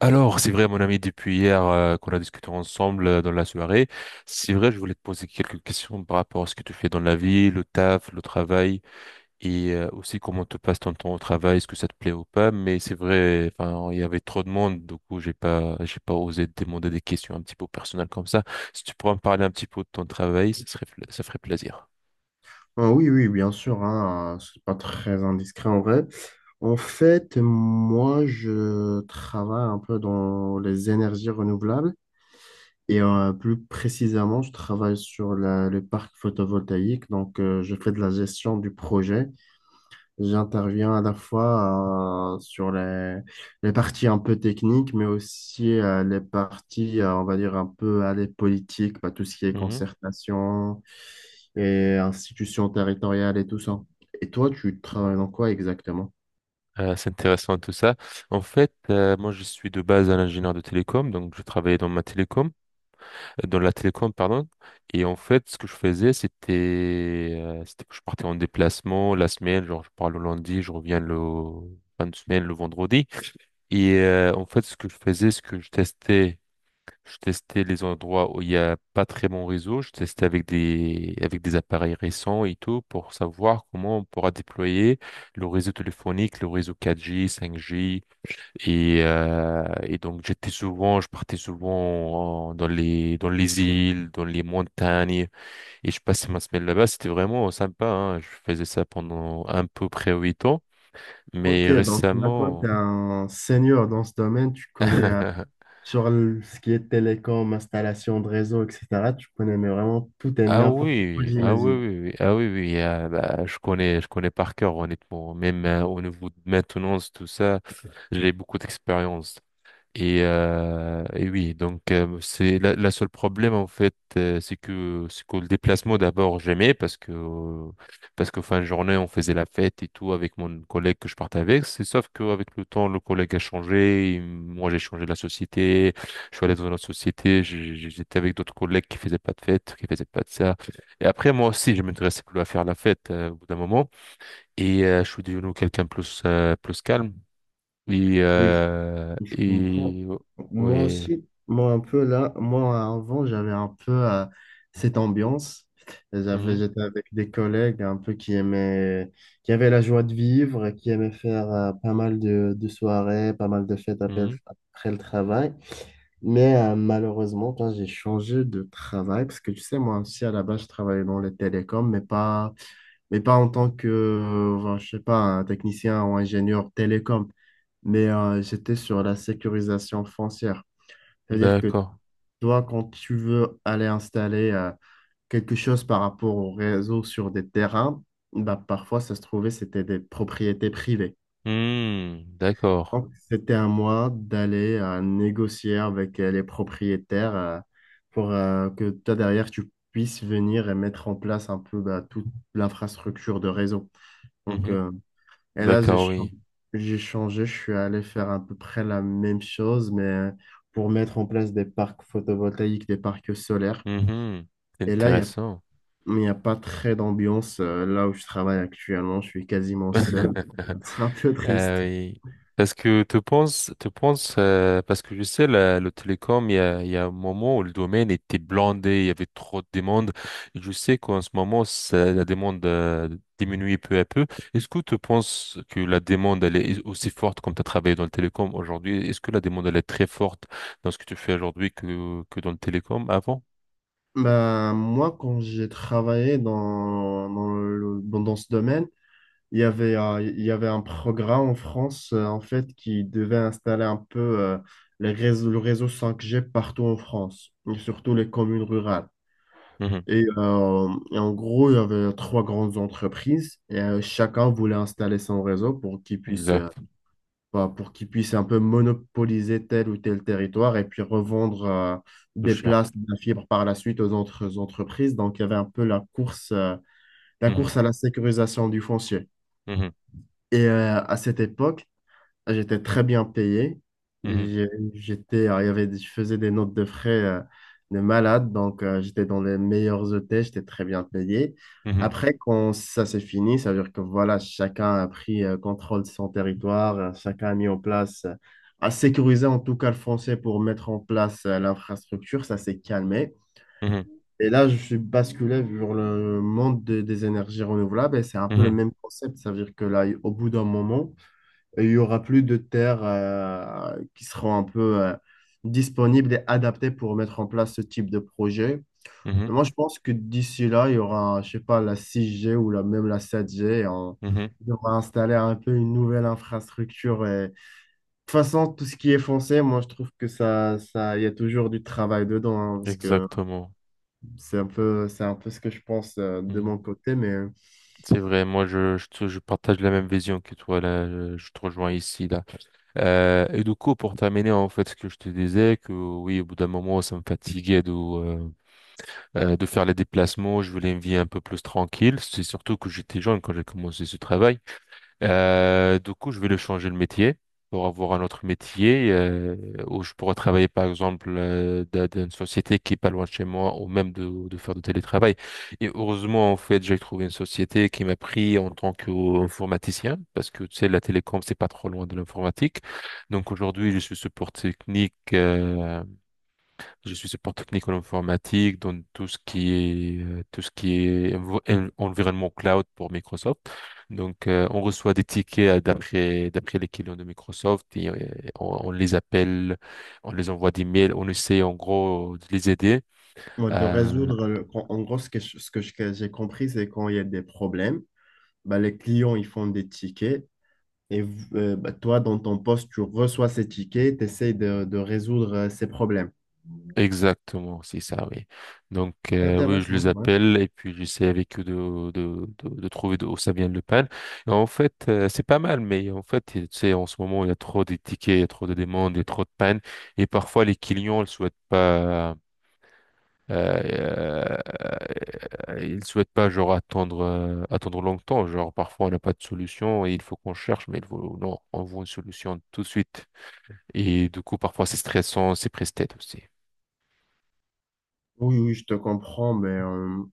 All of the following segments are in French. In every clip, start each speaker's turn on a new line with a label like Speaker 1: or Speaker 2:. Speaker 1: Alors, c'est vrai, mon ami, depuis hier qu'on a discuté ensemble dans la soirée, c'est vrai, je voulais te poser quelques questions par rapport à ce que tu fais dans la vie, le taf, le travail, et aussi comment te passe ton temps au travail, est-ce que ça te plaît ou pas. Mais c'est vrai, enfin, il y avait trop de monde, du coup, j'ai pas osé te demander des questions un petit peu personnelles comme ça. Si tu pourrais me parler un petit peu de ton travail, ça ferait plaisir.
Speaker 2: Ah oui, oui, bien sûr, hein, c'est pas très indiscret en vrai. En fait, moi, je travaille un peu dans les énergies renouvelables et plus précisément, je travaille sur le parc photovoltaïque. Donc, je fais de la gestion du projet. J'interviens à la fois sur les parties un peu techniques, mais aussi les parties, on va dire, un peu à les politiques, bah, tout ce qui est
Speaker 1: Mhm.
Speaker 2: concertation et institutions territoriales et tout ça. Et toi, tu travailles dans quoi exactement?
Speaker 1: C'est intéressant tout ça. En fait, moi je suis de base un ingénieur de télécom, donc je travaillais dans ma télécom, dans la télécom, pardon. Et en fait, ce que je faisais, c'était que je partais en déplacement la semaine, genre je pars le lundi, je reviens le fin de semaine, le vendredi. Et en fait, ce que je faisais, c'est que je testais les endroits où il n'y a pas très bon réseau. Je testais avec avec des appareils récents et tout pour savoir comment on pourra déployer le réseau téléphonique, le réseau 4G, 5G. Et donc, je partais souvent dans dans les îles, dans les montagnes et je passais ma semaine là-bas. C'était vraiment sympa, hein. Je faisais ça pendant à peu près 8 ans. Mais
Speaker 2: Ok, donc là, toi, tu es
Speaker 1: récemment,
Speaker 2: un senior dans ce domaine, tu connais sur ce qui est télécom, installation de réseau, etc. Tu connais mais vraiment tout et
Speaker 1: ah
Speaker 2: n'importe quoi,
Speaker 1: oui, ah oui,
Speaker 2: j'imagine.
Speaker 1: oui, oui, ah oui, oui, ah bah, je connais par cœur, honnêtement. Même au niveau de maintenance, tout ça, j'ai beaucoup d'expérience. Et oui, donc c'est la seule problème en fait, c'est que le déplacement d'abord j'aimais parce que fin de journée on faisait la fête et tout avec mon collègue que je partais avec. C'est sauf qu'avec le temps le collègue a changé, et moi j'ai changé de la société, je suis allé dans une autre société, j'étais avec d'autres collègues qui faisaient pas de fête, qui faisaient pas de ça. Et après moi aussi je m'intéressais plus à faire la fête au bout d'un moment et je suis devenu quelqu'un plus calme. Et,
Speaker 2: Oui,
Speaker 1: euh,
Speaker 2: si je comprends.
Speaker 1: et
Speaker 2: Moi
Speaker 1: ouais.
Speaker 2: aussi, moi un peu là, moi avant, j'avais un peu cette ambiance.
Speaker 1: Mhm,
Speaker 2: J'étais avec des collègues un peu qui aimaient, qui avaient la joie de vivre, et qui aimaient faire pas mal de soirées, pas mal de fêtes après,
Speaker 1: mhm.
Speaker 2: après le travail. Mais malheureusement, quand j'ai changé de travail, parce que tu sais, moi aussi à la base, je travaillais dans les télécoms, mais pas en tant que, je sais pas, un technicien ou ingénieur télécom mais j'étais sur la sécurisation foncière. C'est-à-dire que
Speaker 1: D'accord.
Speaker 2: toi, quand tu veux aller installer quelque chose par rapport au réseau sur des terrains, bah, parfois, ça se trouvait, c'était des propriétés privées.
Speaker 1: Hmm, d'accord.
Speaker 2: Donc, c'était à moi d'aller négocier avec les propriétaires pour que toi, derrière, tu puisses venir et mettre en place un peu bah, toute l'infrastructure de réseau. Donc,
Speaker 1: Mhm,
Speaker 2: euh, Et là,
Speaker 1: d'accord, oui.
Speaker 2: j'ai changé, je suis allé faire à peu près la même chose, mais pour mettre en place des parcs photovoltaïques, des parcs solaires.
Speaker 1: Mhm. C'est
Speaker 2: Et là,
Speaker 1: intéressant.
Speaker 2: il y a pas très d'ambiance. Là où je travaille actuellement, je suis quasiment seul. C'est un peu triste.
Speaker 1: Oui. Parce que tu penses, parce que je sais, le télécom, il y a un moment où le domaine était blindé, il y avait trop de demandes. Et je sais qu'en ce moment, la demande diminue peu à peu. Est-ce que tu penses que la demande, elle est aussi forte comme tu as travaillé dans le télécom aujourd'hui? Est-ce que la demande, elle est très forte dans ce que tu fais aujourd'hui que dans le télécom avant?
Speaker 2: Bah, moi, quand j'ai travaillé dans ce domaine, il y avait un programme en France, en fait, qui devait installer un peu les réseaux, le réseau 5G partout en France, et surtout les communes rurales.
Speaker 1: Mhm.
Speaker 2: Et en gros, il y avait trois grandes entreprises et chacun voulait installer son réseau pour qu'il puisse,
Speaker 1: Exact.
Speaker 2: pour qu'il puisse un peu monopoliser tel ou tel territoire et puis revendre
Speaker 1: Plus
Speaker 2: des
Speaker 1: cher.
Speaker 2: places de la fibre par la suite aux autres entreprises. Donc, il y avait un peu la course
Speaker 1: Mhm.
Speaker 2: à la sécurisation du foncier.
Speaker 1: Mhm.
Speaker 2: Et à cette époque, j'étais très bien payé. J'ai- J'étais, il y avait, je faisais des notes de frais de malade, donc j'étais dans les meilleurs hôtels, j'étais très bien payé.
Speaker 1: Mhm.
Speaker 2: Après, quand ça s'est fini, ça veut dire que voilà, chacun a pris contrôle de son territoire, chacun a mis en place, a sécurisé en tout cas le français pour mettre en place l'infrastructure, ça s'est calmé.
Speaker 1: Mhm.
Speaker 2: Et là, je suis basculé vers le monde des énergies renouvelables et c'est un peu
Speaker 1: Mhm.
Speaker 2: le
Speaker 1: Mhm.
Speaker 2: même concept. Ça veut dire que là, au bout d'un moment, et il y aura plus de terres qui seront un peu disponibles et adaptées pour mettre en place ce type de projet. Et
Speaker 1: Mhm.
Speaker 2: moi, je pense que d'ici là, il y aura, je sais pas, la 6G ou la, même la 7G et
Speaker 1: Mhm.
Speaker 2: on va installer un peu une nouvelle infrastructure. Et... De toute façon, tout ce qui est foncé, moi, je trouve que il y a toujours du travail dedans, hein, parce que
Speaker 1: Exactement.
Speaker 2: c'est un peu ce que je pense de
Speaker 1: Hmm.
Speaker 2: mon côté. Mais
Speaker 1: C'est vrai, moi je, te- je partage la même vision que toi là, je te rejoins ici là. Et du coup pour terminer en fait ce que je te disais que oui au bout d'un moment ça me fatiguait de faire les déplacements, je voulais une vie un peu plus tranquille. C'est surtout que j'étais jeune quand j'ai commencé ce travail. Du coup, je vais le changer le métier pour avoir un autre métier où je pourrais travailler, par exemple, dans une société qui est pas loin de chez moi ou même de faire du télétravail. Et heureusement, en fait, j'ai trouvé une société qui m'a pris en tant qu'informaticien parce que, tu sais, la télécom, c'est pas trop loin de l'informatique. Donc, aujourd'hui, je suis support technique en informatique, dans tout ce qui est, environnement cloud pour Microsoft. Donc, on reçoit des tickets d'après les clients de Microsoft et, on les appelle, on les envoie des mails, on essaie en gros de les aider.
Speaker 2: moi, de résoudre, en gros, ce que que j'ai compris, c'est quand il y a des problèmes bah, les clients, ils font des tickets. Et toi, dans ton poste, tu reçois ces tickets, tu essaies de résoudre ces problèmes.
Speaker 1: Exactement, c'est ça, oui. Donc, oui, je
Speaker 2: Intéressant,
Speaker 1: les
Speaker 2: ouais.
Speaker 1: appelle et puis j'essaie avec eux de trouver d'où ça vient le pan. Et en fait, c'est pas mal, mais en fait, tu sais, en ce moment, il y a trop de tickets, il y a trop de demandes, il y a trop de pannes. Et parfois, les clients ne souhaitent pas, euh, ils souhaitent pas, genre, attendre longtemps. Genre, parfois, on n'a pas de solution et il faut qu'on cherche, mais il faut, non, on veut une solution tout de suite. Et du coup, parfois, c'est stressant, c'est presse-tête aussi.
Speaker 2: Oui, oui, je te comprends, mais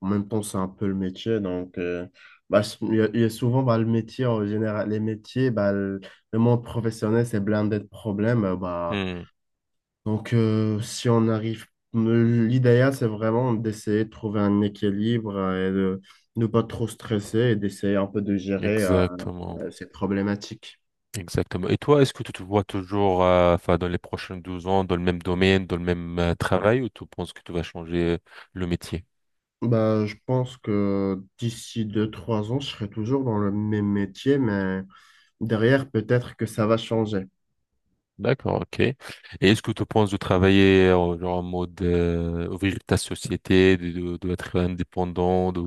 Speaker 2: en même temps, c'est un peu le métier. Donc, il y a souvent bah, le métier, en général, les métiers, le monde professionnel, c'est blindé de problèmes.
Speaker 1: Hmm,
Speaker 2: Si on arrive, l'idéal, c'est vraiment d'essayer de trouver un équilibre et de ne pas trop stresser et d'essayer un peu de gérer.
Speaker 1: exactement,
Speaker 2: C'est problématique.
Speaker 1: exactement. Et toi, est-ce que tu te vois toujours, enfin, dans les prochains 12 ans, dans le même domaine, dans le même travail, ou tu penses que tu vas changer le métier?
Speaker 2: Bah, je pense que d'ici deux trois ans, je serai toujours dans le même métier, mais derrière, peut-être que ça va changer.
Speaker 1: D'accord, ok. Et est-ce que tu penses de travailler genre en mode ouvrir ta société, de être indépendant, de,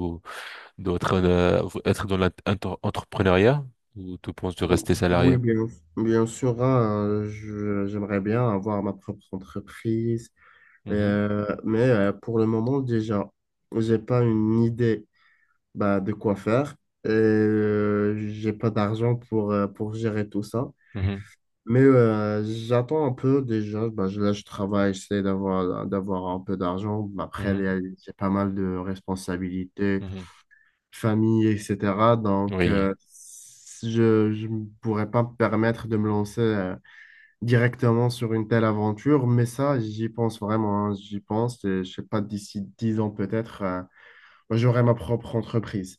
Speaker 1: d'autres être dans l'entrepreneuriat ou tu penses de rester
Speaker 2: Oui,
Speaker 1: salarié?
Speaker 2: bien, bien sûr, hein, j'aimerais bien avoir ma propre entreprise,
Speaker 1: Mhm,
Speaker 2: mais pour le moment, déjà, j'ai pas une idée bah, de quoi faire et j'ai pas d'argent pour gérer tout ça.
Speaker 1: mhm,
Speaker 2: Mais j'attends un peu déjà. Bah, là, je travaille, j'essaie d'avoir un peu d'argent. Bah, après,
Speaker 1: mhm,
Speaker 2: il y a pas mal de responsabilités,
Speaker 1: mhm.
Speaker 2: famille, etc. Donc,
Speaker 1: Oui.
Speaker 2: si je je ne pourrais pas me permettre de me lancer directement sur une telle aventure. Mais ça, j'y pense vraiment, hein. J'y pense. Et, je sais pas, d'ici 10 ans peut-être, moi, j'aurai ma propre entreprise.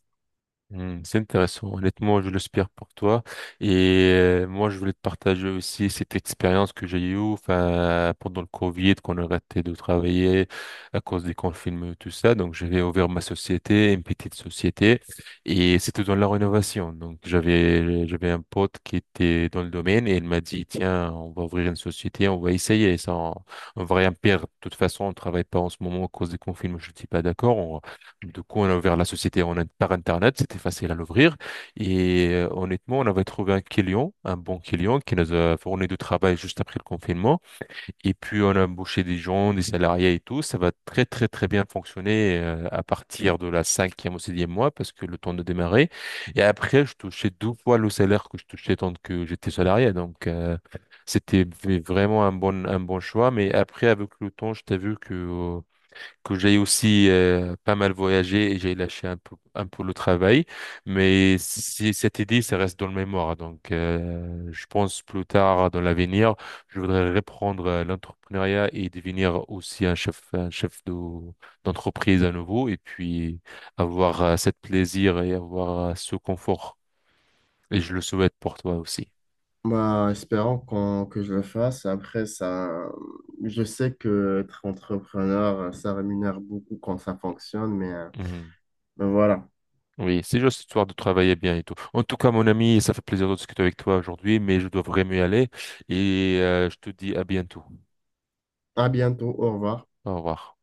Speaker 1: Hmm, c'est intéressant. Honnêtement, je l'espère pour toi. Et moi, je voulais te partager aussi cette expérience que j'ai eue, enfin, pendant le Covid, qu'on a arrêté de travailler à cause des confinements et tout ça. Donc, j'avais ouvert ma société, une petite société, et c'était dans la rénovation. Donc, j'avais un pote qui était dans le domaine et il m'a dit, tiens, on va ouvrir une société, on va essayer ça, on va rien perdre. De toute façon, on travaille pas en ce moment à cause des confinements. Je dis pas d'accord. Du coup, on a ouvert la société en par Internet, c'était facile à l'ouvrir. Et honnêtement, on avait trouvé un client, un bon client, qui nous a fourni du travail juste après le confinement. Et puis, on a embauché des gens, des salariés et tout. Ça va très, très, très bien fonctionner à partir de la cinquième ou sixième mois, parce que le temps de démarrer. Et après, je touchais deux fois le salaire que je touchais tant que j'étais salarié. Donc, vraiment un bon choix. Mais après, avec le temps, je t'ai vu que j'ai aussi pas mal voyagé et j'ai lâché un peu le travail. Mais si cette idée, ça reste dans le mémoire. Donc, je pense plus tard dans l'avenir, je voudrais reprendre l'entrepreneuriat et devenir aussi un chef de, d'entreprise à nouveau et puis avoir cette plaisir et avoir ce confort. Et je le souhaite pour toi aussi.
Speaker 2: Bah, espérons que je le fasse. Après, ça, je sais que être entrepreneur, ça rémunère beaucoup quand ça fonctionne, mais
Speaker 1: Mmh.
Speaker 2: ben voilà.
Speaker 1: Oui, c'est juste histoire de travailler bien et tout. En tout cas, mon ami, ça fait plaisir de discuter avec toi aujourd'hui, mais je dois vraiment y aller et je te dis à bientôt.
Speaker 2: À bientôt, au revoir.
Speaker 1: Au revoir.